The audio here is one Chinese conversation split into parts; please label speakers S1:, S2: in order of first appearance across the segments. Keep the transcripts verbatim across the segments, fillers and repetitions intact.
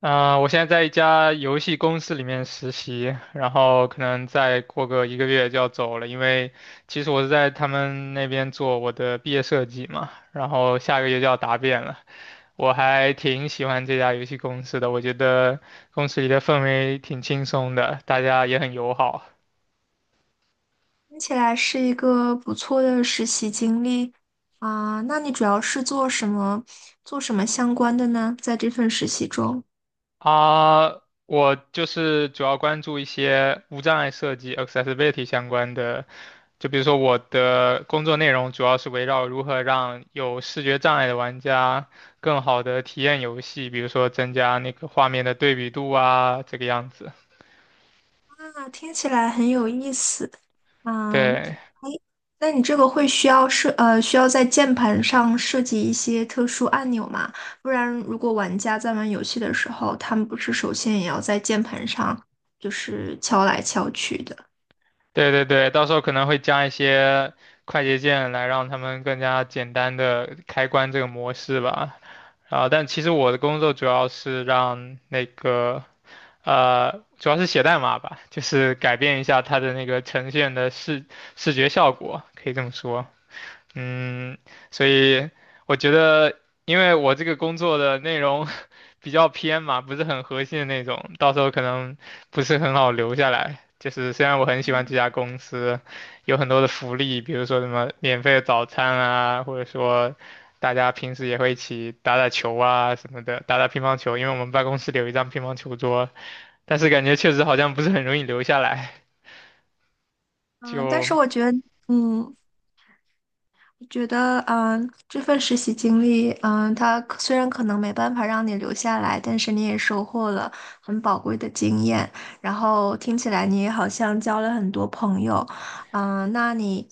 S1: 啊、我现在在一家游戏公司里面实习，然后可能再过个一个月就要走了，因为其实我是在他们那边做我的毕业设计嘛，然后下个月就要答辩了。我还挺喜欢这家游戏公司的，我觉得公司里的氛围挺轻松的，大家也很友好。
S2: 听起来是一个不错的实习经历。啊，那你主要是做什么，做什么相关的呢？在这份实习中，
S1: 啊，我就是主要关注一些无障碍设计 （accessibility） 相关的，就比如说我的工作内容主要是围绕如何让有视觉障碍的玩家更好的体验游戏，比如说增加那个画面的对比度啊，这个样子。
S2: 那听起来很有意思。嗯，
S1: 对。
S2: 哎，那你这个会需要设，呃，需要在键盘上设计一些特殊按钮吗？不然，如果玩家在玩游戏的时候，他们不是首先也要在键盘上就是敲来敲去的。
S1: 对对对，到时候可能会加一些快捷键来让他们更加简单的开关这个模式吧。啊，但其实我的工作主要是让那个，呃，主要是写代码吧，就是改变一下它的那个呈现的视视觉效果，可以这么说。嗯，所以我觉得，因为我这个工作的内容 比较偏嘛，不是很核心的那种，到时候可能不是很好留下来。就是虽然我很喜欢这家公司，有很多的福利，比如说什么免费的早餐啊，或者说大家平时也会一起打打球啊什么的，打打乒乓球，因为我们办公室里有一张乒乓球桌，但是感觉确实好像不是很容易留下来。
S2: 啊、但
S1: 就，
S2: 是我觉得，嗯。觉得，嗯，这份实习经历，嗯，它可虽然可能没办法让你留下来，但是你也收获了很宝贵的经验。然后听起来你也好像交了很多朋友，嗯，那你，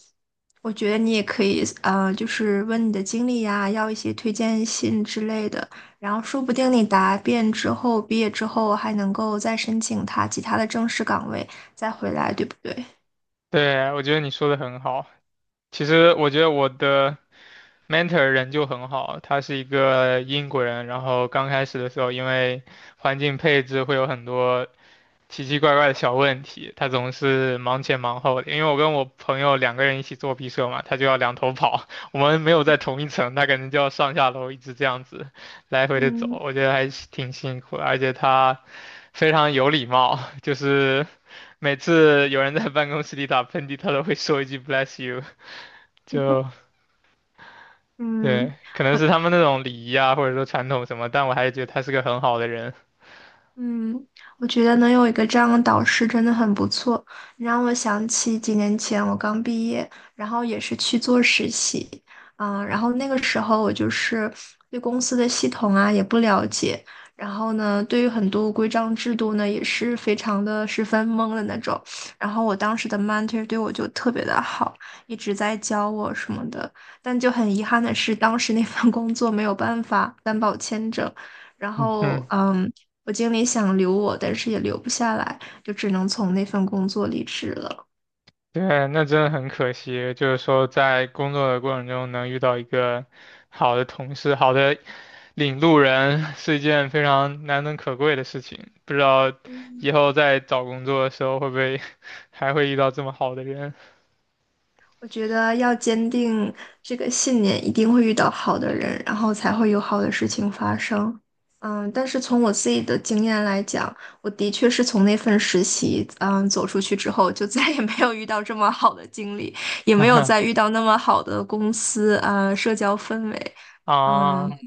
S2: 我觉得你也可以，呃，就是问你的经历呀，要一些推荐信之类的。然后说不定你答辩之后，毕业之后还能够再申请他其他的正式岗位，再回来，对不对？
S1: 对，我觉得你说的很好。其实我觉得我的。mentor 人就很好，他是一个英国人，然后刚开始的时候，因为环境配置会有很多奇奇怪怪的小问题，他总是忙前忙后的。因为我跟我朋友两个人一起做毕设嘛，他就要两头跑，我们没有在同一层，他可能就要上下楼一直这样子来回的走，
S2: 嗯。
S1: 我觉得还是挺辛苦的，而且他非常有礼貌，就是每次有人在办公室里打喷嚏，他都会说一句 bless you，就对，
S2: 嗯，
S1: 可能
S2: 我
S1: 是他们那种礼仪啊，或者说传统什么，但我还是觉得他是个很好的人。
S2: 嗯，我觉得能有一个这样的导师真的很不错。你让我想起几年前我刚毕业，然后也是去做实习，嗯，然后那个时候我就是对公司的系统啊也不了解，然后呢，对于很多规章制度呢也是非常的十分懵的那种。然后我当时的 mentor 对我就特别的好，一直在教我什么的，但就很遗憾的是，当时那份工作没有办法担保签证。然
S1: 嗯哼，
S2: 后，嗯，我经理想留我，但是也留不下来，就只能从那份工作离职了。
S1: 对，那真的很可惜，就是说在工作的过程中能遇到一个好的同事、好的领路人，是一件非常难能可贵的事情。不知道以
S2: 嗯，
S1: 后在找工作的时候会不会 还会遇到这么好的人？
S2: 我觉得要坚定这个信念，一定会遇到好的人，然后才会有好的事情发生。嗯，但是从我自己的经验来讲，我的确是从那份实习，嗯，走出去之后，就再也没有遇到这么好的经理，也没有再 遇到那么好的公司啊，社交氛围。嗯，
S1: 啊，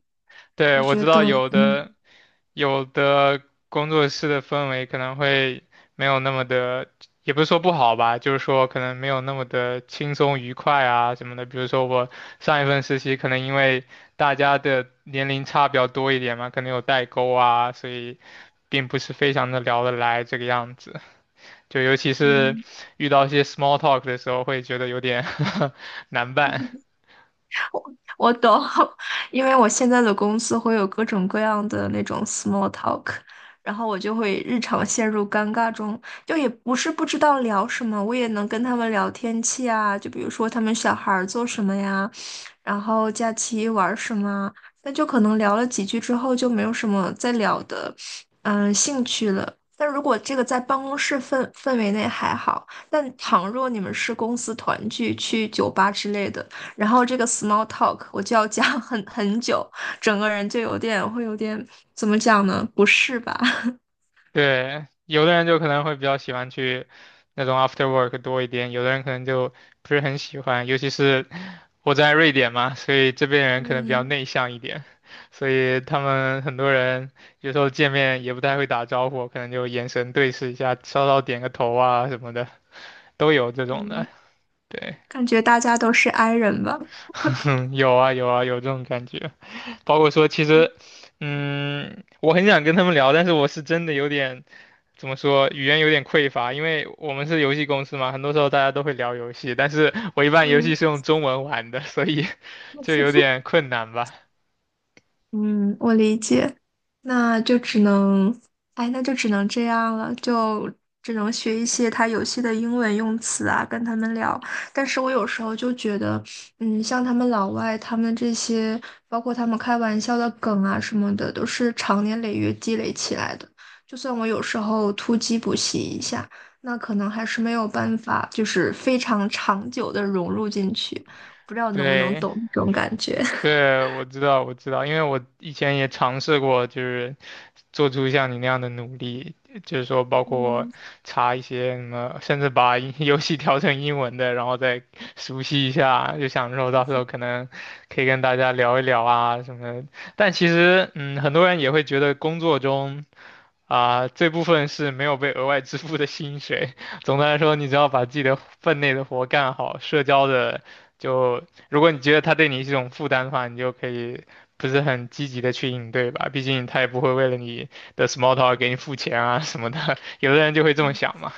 S1: 对，
S2: 我
S1: 我
S2: 觉
S1: 知
S2: 得，
S1: 道有的。有的工作室的氛围可能会没有那么的，也不是说不好吧，就是说可能没有那么的轻松愉快啊什么的。比如说我上一份实习，可能因为大家的年龄差比较多一点嘛，可能有代沟啊，所以并不是非常的聊得来这个样子。就尤其是
S2: 嗯。
S1: 遇到一些 small talk 的时候，会觉得有点 难办。
S2: 我我懂，因为我现在的公司会有各种各样的那种 small talk,然后我就会日常陷入尴尬中，就也不是不知道聊什么，我也能跟他们聊天气啊，就比如说他们小孩儿做什么呀，然后假期玩儿什么啊那就可能聊了几句之后就没有什么再聊的，嗯，兴趣了。但如果这个在办公室氛氛围内还好，但倘若你们是公司团聚，去酒吧之类的。然后这个 small talk 我就要讲很很久，整个人就有点会有点怎么讲呢？不适吧？
S1: 对，有的人就可能会比较喜欢去那种 after work 多一点，有的人可能就不是很喜欢，尤其是我在瑞典嘛，所以这边人可能比较
S2: 嗯。
S1: 内向一点，所以他们很多人有时候见面也不太会打招呼，可能就眼神对视一下，稍稍点个头啊什么的，都有这种的。
S2: 嗯，
S1: 对，
S2: 感觉大家都是 i 人吧？
S1: 嗯，有啊有啊有这种感觉，包括说其实，
S2: 嗯。
S1: 嗯，我很想跟他们聊，但是我是真的有点。怎么说，语言有点匮乏，因为我们是游戏公司嘛，很多时候大家都会聊游戏，但是我一般游戏
S2: 嗯。
S1: 是用中文玩的，所以 就有点 困难吧。
S2: 嗯，我理解，那就只能，哎，那就只能这样了，就只能学一些他游戏的英文用词啊，跟他们聊。但是我有时候就觉得，嗯，像他们老外，他们这些，包括他们开玩笑的梗啊什么的，都是长年累月积累起来的。就算我有时候突击补习一下，那可能还是没有办法，就是非常长久的融入进去。不知道能不能
S1: 对，
S2: 懂这种感觉。
S1: 对，我知道，我知道，因为我以前也尝试过，就是做出像你那样的努力，就是说包括 查一些什么，甚至把英 游戏调成英文的，然后再熟悉一下，就想说到时候可能可以跟大家聊一聊啊什么的。但其实，嗯，很多人也会觉得工作中。啊，这部分是没有被额外支付的薪水。总的来说，你只要把自己的分内的活干好，社交的就，如果你觉得他对你是一种负担的话，你就可以不是很积极的去应对吧。毕竟他也不会为了你的 small talk 给你付钱啊什么的。有的人就会这么
S2: 嗯，
S1: 想嘛。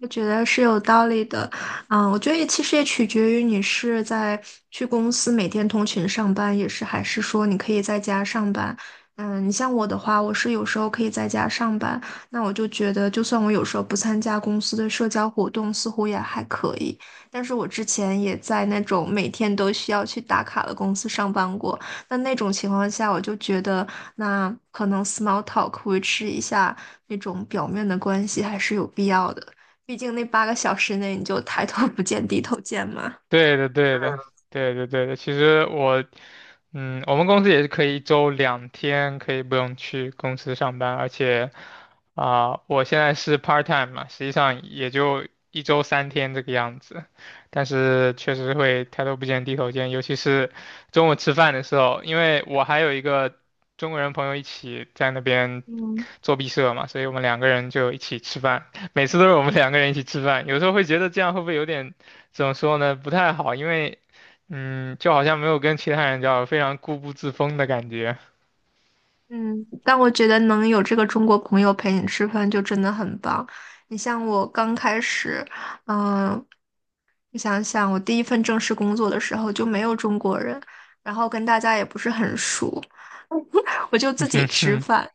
S2: 我觉得是有道理的，嗯，我觉得也其实也取决于你是在去公司每天通勤上班，也是还是说你可以在家上班。嗯，你像我的话，我是有时候可以在家上班，那我就觉得，就算我有时候不参加公司的社交活动，似乎也还可以。但是我之前也在那种每天都需要去打卡的公司上班过，那那种情况下，我就觉得那可能 small talk 维持一下那种表面的关系还是有必要的。毕竟那八个小时内你就抬头不见低头见嘛。
S1: 对的，对的，对的，对的。其实我，嗯，我们公司也是可以一周两天可以不用去公司上班，而且，啊、我现在是 part time 嘛，实际上也就一周三天这个样子，但是确实会抬头不见低头见，尤其是中午吃饭的时候，因为我还有一个中国人朋友一起在那边做毕设嘛，所以我们两个人就一起吃饭，每次都是我们两个人一起吃饭，有时候会觉得这样会不会有点。怎么说呢？不太好，因为嗯，就好像没有跟其他人交流，非常固步自封的感觉。
S2: 嗯，但我觉得能有这个中国朋友陪你吃饭就真的很棒。你像我刚开始，嗯，我想想，我第一份正式工作的时候就没有中国人，然后跟大家也不是很熟，我就自己吃 饭，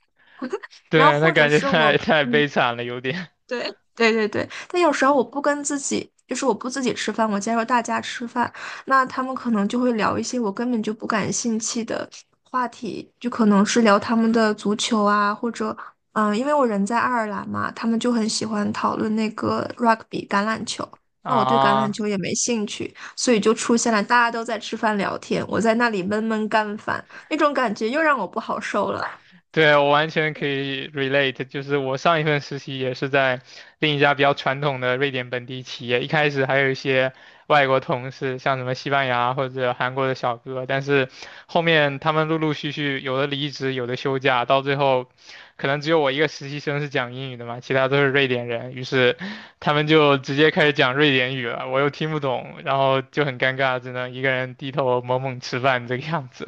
S2: 然后
S1: 对，那
S2: 或者
S1: 感觉
S2: 是
S1: 太
S2: 我，
S1: 太
S2: 嗯，
S1: 悲惨了，有点
S2: 对对对对，但有时候我不跟自己，就是我不自己吃饭，我加入大家吃饭，那他们可能就会聊一些我根本就不感兴趣的话题，就可能是聊他们的足球啊，或者嗯，因为我人在爱尔兰嘛，他们就很喜欢讨论那个 rugby 橄榄球，那我对橄榄
S1: 啊。
S2: 球也没兴趣，所以就出现了大家都在吃饭聊天，我在那里闷闷干饭，那种感觉又让我不好受了。
S1: 对，我完全可以 relate，就是我上一份实习也是在另一家比较传统的瑞典本地企业，一开始还有一些外国同事，像什么西班牙或者韩国的小哥，但是后面他们陆陆续续有的离职，有的休假，到最后可能只有我一个实习生是讲英语的嘛，其他都是瑞典人，于是他们就直接开始讲瑞典语了，我又听不懂，然后就很尴尬，只能一个人低头猛猛吃饭这个样子。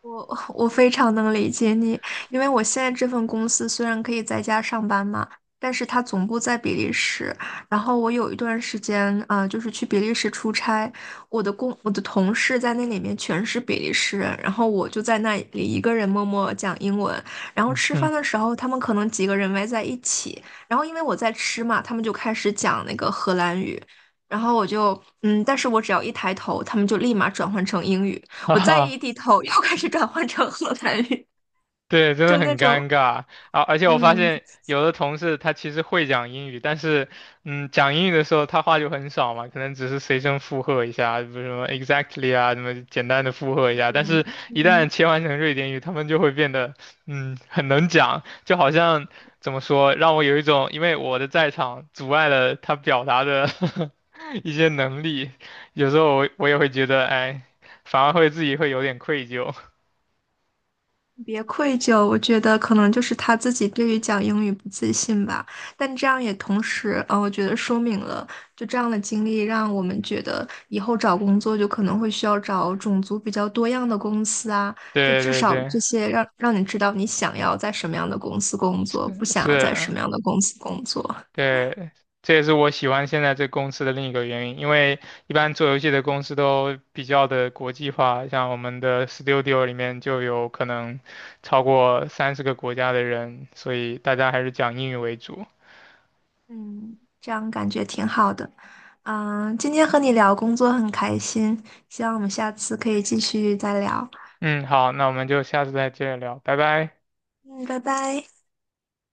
S2: 我 我非常能理解你，因为我现在这份公司虽然可以在家上班嘛，但是它总部在比利时。然后我有一段时间，啊，就是去比利时出差，我的工我的同事在那里面全是比利时人，然后我就在那里一个人默默讲英文。然后 吃
S1: 嗯，
S2: 饭的时候，他们可能几个人围在一起，然后因为我在吃嘛，他们就开始讲那个荷兰语，然后我就嗯，但是我只要一抬头，他们就立马转换成英语。
S1: 哈
S2: 我再一
S1: 哈，
S2: 低头 又开始转换成荷兰语，
S1: 对，真的
S2: 就那
S1: 很
S2: 种。
S1: 尴尬啊！而且我发
S2: 嗯
S1: 现有的同事他其实会讲英语，但是，嗯，讲英语的时候他话就很少嘛，可能只是随声附和一下，比如什么 exactly 啊，什么简单的附和一下。但
S2: 嗯
S1: 是，一旦
S2: 嗯，
S1: 切换成瑞典语，他们就会变得，嗯，很能讲，就好像怎么说，让我有一种因为我的在场阻碍了他表达的 一些能力，有时候我我也会觉得，哎，反而会自己会有点愧疚。
S2: 别愧疚。我觉得可能就是他自己对于讲英语不自信吧，但这样也同时，呃，我觉得说明了就这样的经历，让我们觉得以后找工作就可能会需要找种族比较多样的公司啊，就
S1: 对
S2: 至
S1: 对
S2: 少
S1: 对，
S2: 这些让让你知道你想要在什么样的公司工作，不想要在什
S1: 是。
S2: 么样的公司工作。
S1: 对，这也是我喜欢现在这公司的另一个原因，因为一般做游戏的公司都比较的国际化，像我们的 Studio 里面就有可能超过三十个国家的人，所以大家还是讲英语为主。
S2: 嗯，这样感觉挺好的。嗯，今天和你聊工作很开心，希望我们下次可以继续再聊。
S1: 嗯，好，那我们就下次再接着聊，拜拜。
S2: 嗯，拜拜。